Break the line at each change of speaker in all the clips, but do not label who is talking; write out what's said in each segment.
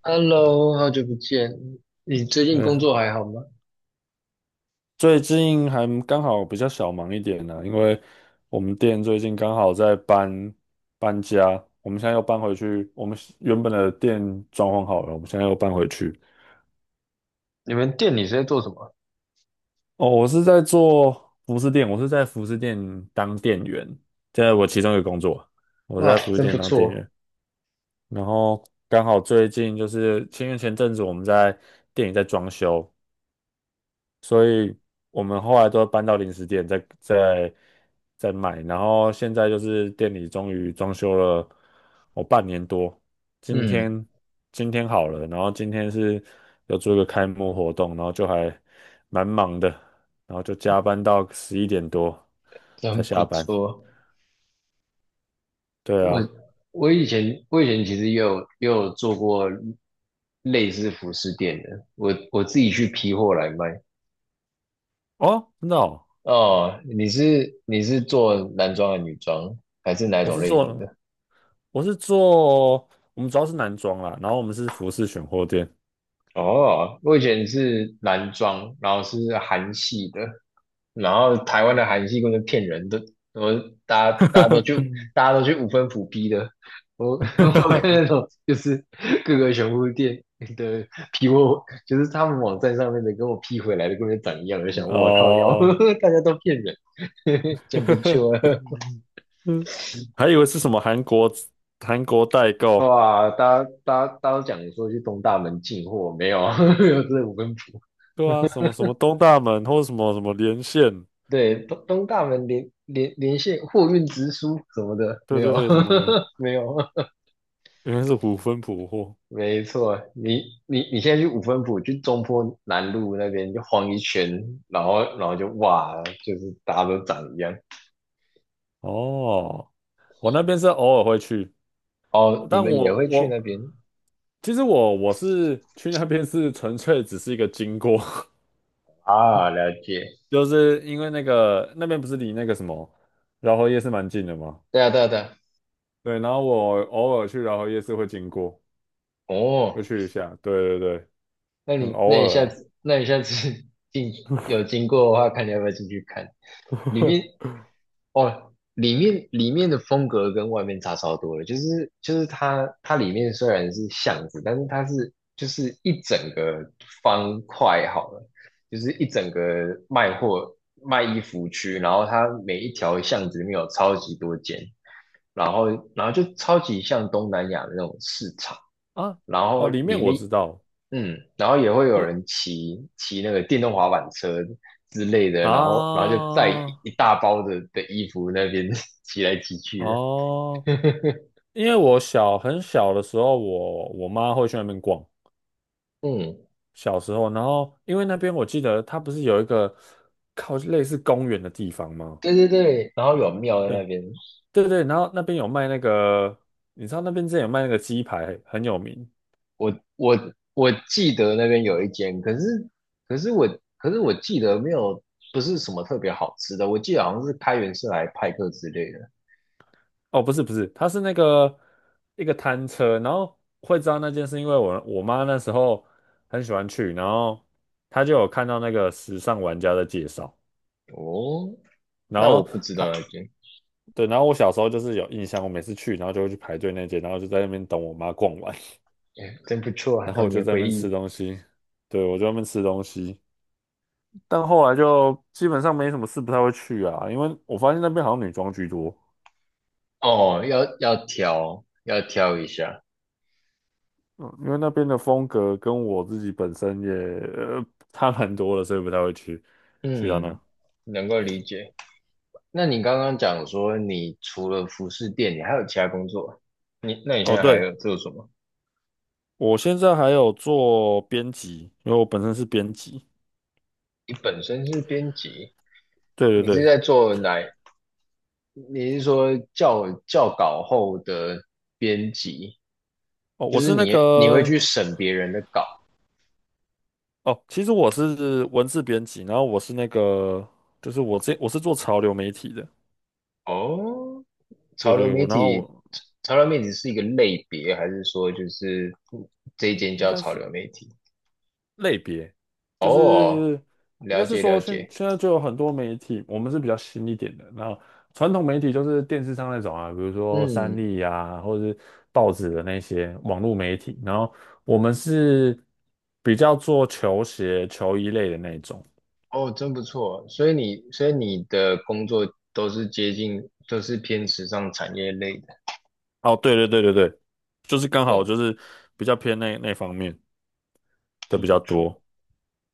Hello，好久不见，你最近
对，
工作还好吗？
最近还刚好比较小忙一点呢、因为我们店最近刚好在搬家，我们现在又搬回去，我们原本的店装潢好了，我们现在又搬回去。
你们店里是在做什么？
哦，我是在做服饰店，我是在服饰店当店员，这是我其中一个工作，我
哇，
在服饰
真不
店当店
错，
员。然后刚好最近就是，因为前阵子我们在店里在装修，所以我们后来都搬到零食店在卖，然后现在就是店里终于装修了我哦半年多，今
嗯，
天今天好了，然后今天是要做一个开幕活动，然后就还蛮忙的，然后就加班到11点多才
真不
下班。
错。
对
我
啊，
我以前其实也有做过类似服饰店的，我自己去批货来卖。
哦，真的哦，
哦，你是做男装还是女装，还是哪一
我
种
是
类型
做
的？
我是做。我们主要是男装啦，然后我们是服饰选货店。
哦，我以前是男装，然后是韩系的，然后台湾的韩系根本就骗人的，我大家大家都去 大家都去五分埔批的，我 我看那种就是各个熊物店的批货，就是他们网站上面的跟我批回来的跟本就长一样，我就想我靠，然后
哦，
大家都骗人，真 不
呵呵，
错，
嗯，还以为是什么韩国代 购，
哇，大家都讲说去东大门进货，没有，没有这五分埔。
对啊，什么什么东大门或者什么什么连线，
对，东大门连线货运直输什么的，没
对对
有，
对，什么的，
没有。
原来是虎分普货。
没错，你现在去五分埔，去中坡南路那边就晃一圈，然后就哇，就是大家都长一样。
哦，我那边是偶尔会去，我
哦，你
但
们也
我
会去那
我
边
其实我是去那边是纯粹只是一个经过，
啊？了解。
就是因为那个那边不是离那个什么饶河夜市蛮近的吗？
对啊，对啊，对啊。
对，然后我偶尔去饶河夜市会经过，会
哦，
去一下，对对对，
那
很
你
偶
那你
尔
下
啦。
次那你下次 进有经过的话，看你要不要进去看。里面哦，里面的风格跟外面差超多了，就是它里面虽然是巷子，但是它是就是一整个方块好了，就是一整个卖货卖衣服区，然后它每一条巷子里面有超级多间，然后然后就超级像东南亚的那种市场。
啊，
然后
哦，里面
里
我
面
知道，
然后也会有
你
人骑那个电动滑板车之类的，然后就
啊，
载一大包的衣服，那边 骑来骑去的。
哦，因为我小很小的时候，我妈会去那边逛，
嗯，
小时候，然后因为那边我记得它不是有一个靠类似公园的地方吗？
对对对，然后有庙在那
对
边，
对对，然后那边有卖那个，你知道那边之前有卖那个鸡排，很有名，
我我我记得那边有一间，可是我可是我记得没有，不是什么特别好吃的，我记得好像是开元社来派克之类的。
哦，不是不是，它是那个一个摊车，然后会知道那件事，因为我妈那时候很喜欢去，然后她就有看到那个时尚玩家的介绍，
哦，
然
那我
后
不知道那间。
对，然后我小时候就是有印象，我每次去，然后就会去排队那间，然后就在那边等我妈逛完，
哎，真不错 啊，
然后
童
我就
年
在那
回
边
忆。
吃东西，对，我就在那边吃东西，但后来就基本上没什么事，不太会去啊，因为我发现那边好像女装居多，
哦，要挑一下。
嗯，因为那边的风格跟我自己本身也差蛮多的，所以不太会去到那。
嗯，能够理解。那你刚刚讲说，你除了服饰店，你还有其他工作？那你现
哦，
在还
对，
有做什么？
我现在还有做编辑，因为我本身是编辑。
你本身是编辑，
对
你
对
是
对，
在做哪？你是说校稿后的编辑，
哦，
就
我
是
是那
你会去
个
审别人的稿？
哦，其实我是文字编辑，然后我是那个就是我是做潮流媒体的。
哦，
对
潮流
对，
媒
我然后
体。
我
潮流媒体是一个类别，还是说就是这一
应
间
应
叫
该
潮
是。
流媒体？
类别，就
哦，
是应
了
该是
解了
说现
解，
现在就有很多媒体，我们是比较新一点的。然后传统媒体就是电视上那种啊，比如说三
嗯。
立啊，或者是报纸的那些网络媒体。然后我们是比较做球鞋、球衣类的那种。
哦，真不错。所以你的工作都是接近，都是偏时尚产业类的。
哦，对对对对对，就是刚好
哦，
就是比较偏那方面的
真
比
不
较多。
错。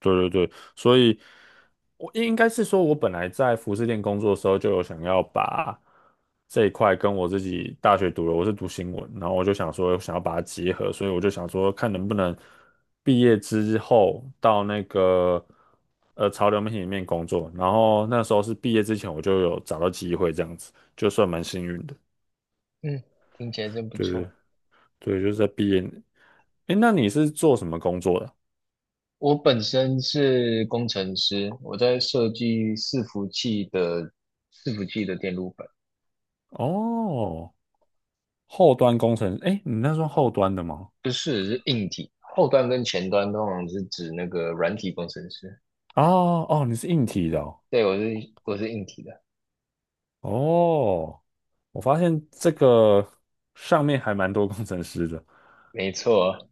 对对对，所以我应该是说，我本来在服饰店工作的时候，就有想要把这一块跟我自己大学读的，我是读新闻，然后我就想说，想要把它结合，所以我就想说，看能不能毕业之后到那个潮流媒体里面工作。然后那时候是毕业之前，我就有找到机会，这样子就算蛮幸运的。
嗯，听起来真不
对
错。
对对，就是在毕业。诶，那你是做什么工作的？
我本身是工程师，我在设计伺服器的电路板。
哦。后端工程，哎，你那算后端的吗？
不是，是硬体，后端跟前端通常是指那个软体工程师。
哦哦，你是硬体的哦。
对，我是硬体的，
哦，我发现这个上面还蛮多工程师的，
没错。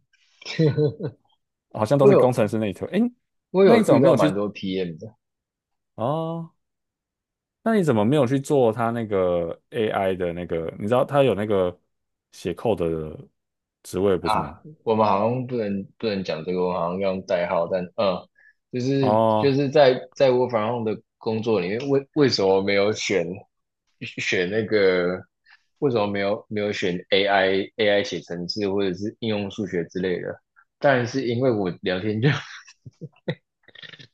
好像都
我
是工
有
程师那一头。哎，
我
那你
有
怎
遇
么没
到
有
蛮
去？
多 PM 的。
哦，那你怎么没有去做他那个 AI 的那个？你知道他有那个写 code 的职位不是吗？
啊，我们好像不能讲这个，我们好像要用代号，但就是就
哦
是在我反 r 的工作里面，为什么没有选那个？为什么没有选 AI 写程式或者是应用数学之类的？当然是因为我聊天就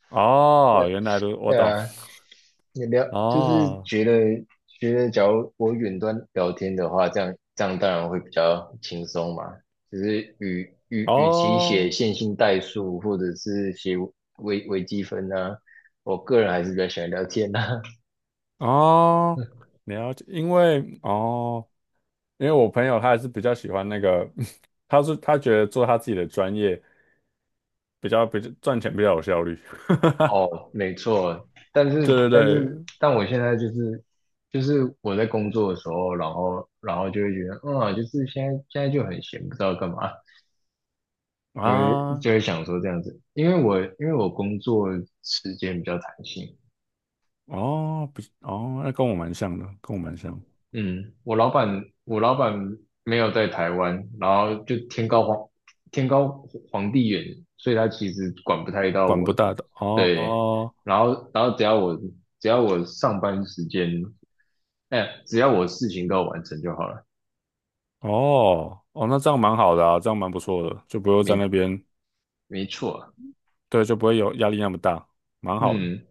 哦，原来都 我
对
懂。
啊，你聊就是
哦
觉得，假如我远端聊天的话，这样当然会比较轻松嘛。只是与其写
哦
线性代数或者是写微积分啊，我个人还是比较喜欢聊天啊。
哦，了解，因为我朋友他还是比较喜欢那个，他觉得做他自己的专业比较赚钱比较有效率。
哦，没错，但是
对对
但是
对，
但我现在就是我在工作的时候，然后就会觉得，就是现在就很闲，不知道干嘛。就会
啊，
就会想说这样子，因为我工作时间比较弹性，
哦，那跟我蛮像的，跟我蛮像，
嗯，我老板没有在台湾，然后就天高皇帝远，所以他其实管不太到
管
我。
不大的，哦
对，
哦
然后只要我上班时间，哎，只要我事情都有完成就好了，
哦哦，那这样蛮好的啊，这样蛮不错的，就不用在那
没
边，
没错啊，
对，就不会有压力那么大，蛮好的。
嗯。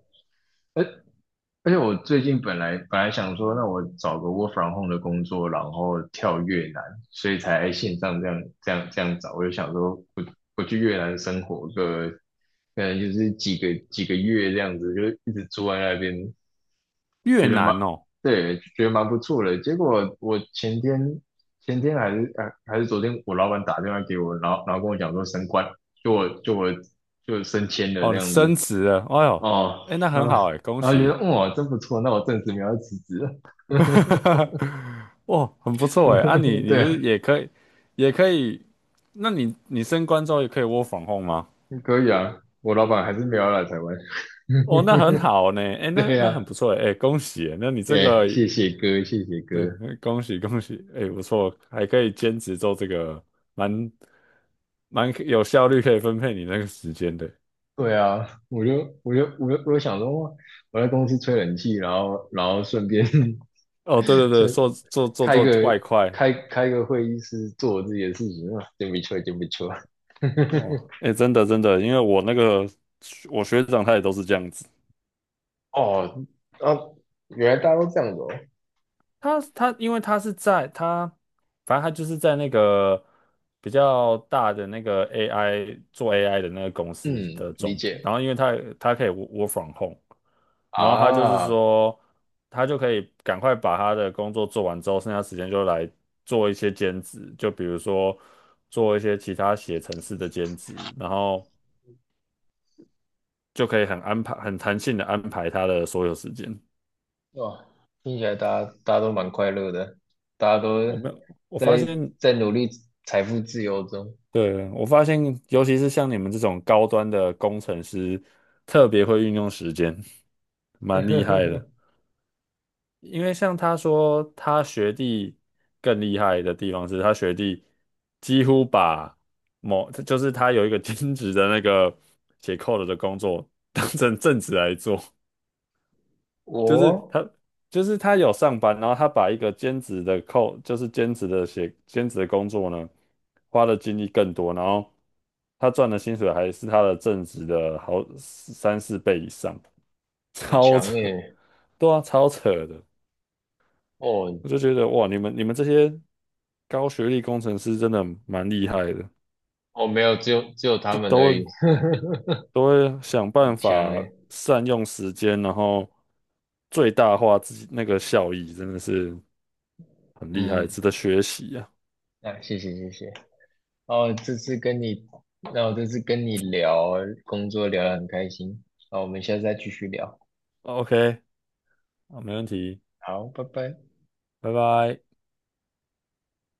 而且我最近本来想说，那我找个 work from home 的工作，然后跳越南，所以才线上这样找。我就想说我，我去越南生活个，可能就是几个月这样子，就一直住在那边，
越
觉得蛮
南哦，
对，觉得蛮不错的。结果我前天还是昨天，我老板打电话给我，然后跟我讲说升官，就我就我就升迁了
哦，
这
你
样
升
子。
职了，哎呦，
哦，
哎，那
然
很
后
好哎，恭
然后觉得，
喜。
哇，真不错，那我暂时没有辞职了。
哈哈 哈，哇，很不错哎！你
对啊，
是也可以，也可以，那你升官之后也可以窝 o r 吗？
可以啊，我老板还是没有来台湾。
哦，那很好呢，哎，那
对
那
呀、
很
啊，
不错哎，哎恭喜诶那你这
哎，
个
谢谢哥，谢谢哥。
对，恭喜恭喜，哎，不错，还可以兼职做这个，蛮蛮有效率，可以分配你那个时间的。
对啊，我就想说，哇，我在公司吹冷气，然后顺便
哦，对对
吹
对，做做做
开
做
个
外快，
开开个会议室做我自己的事情啊，真不错，真不错。
哇，哎，真的真的，因为我那个学长他也都是这样子。
哦，啊，原来大家都这样子哦。
因为他是在他，反正他就是在那个比较大的那个 AI 做 AI 的那个公司
嗯，
的
理
总部，然
解
后因为他可以 work from home，然后他就是
啊。
说他就可以赶快把他的工作做完之后，剩下时间就来做一些兼职，就比如说做一些其他写程式的兼职，然后就可以很安排很弹性的安排他的所有时间。
哇，听起来大家都蛮快乐的，大家都
我没有，我发现。
在努力财富自由中。
对，我发现，尤其是像你们这种高端的工程师，特别会运用时间，蛮厉害的。因为像他说，他学弟更厉害的地方是他学弟几乎把某，就是他有一个 兼职的那个写 code 的工作当成正职来做。就是
我
他，就是他有上班，然后他把一个兼职的扣，就是兼职的写兼职的工作呢，花的精力更多，然后他赚的薪水还是他的正职的好三四倍以上，
很
超
强
扯，
耶，
对啊，超扯的，
哦
我就觉得哇，你们这些高学历工程师真的蛮厉害的，
我没有，只有他
都
们而已，
都都会想
很
办
强
法
耶。
善用时间，然后最大化自己那个效益，真的是。很厉害，
嗯，
值得学习啊。
那谢谢谢谢。哦，这次跟你，那我这次跟你聊工作聊得很开心，好，我们下次再继续聊。
OK，啊，没问题，
好，拜拜。
拜拜。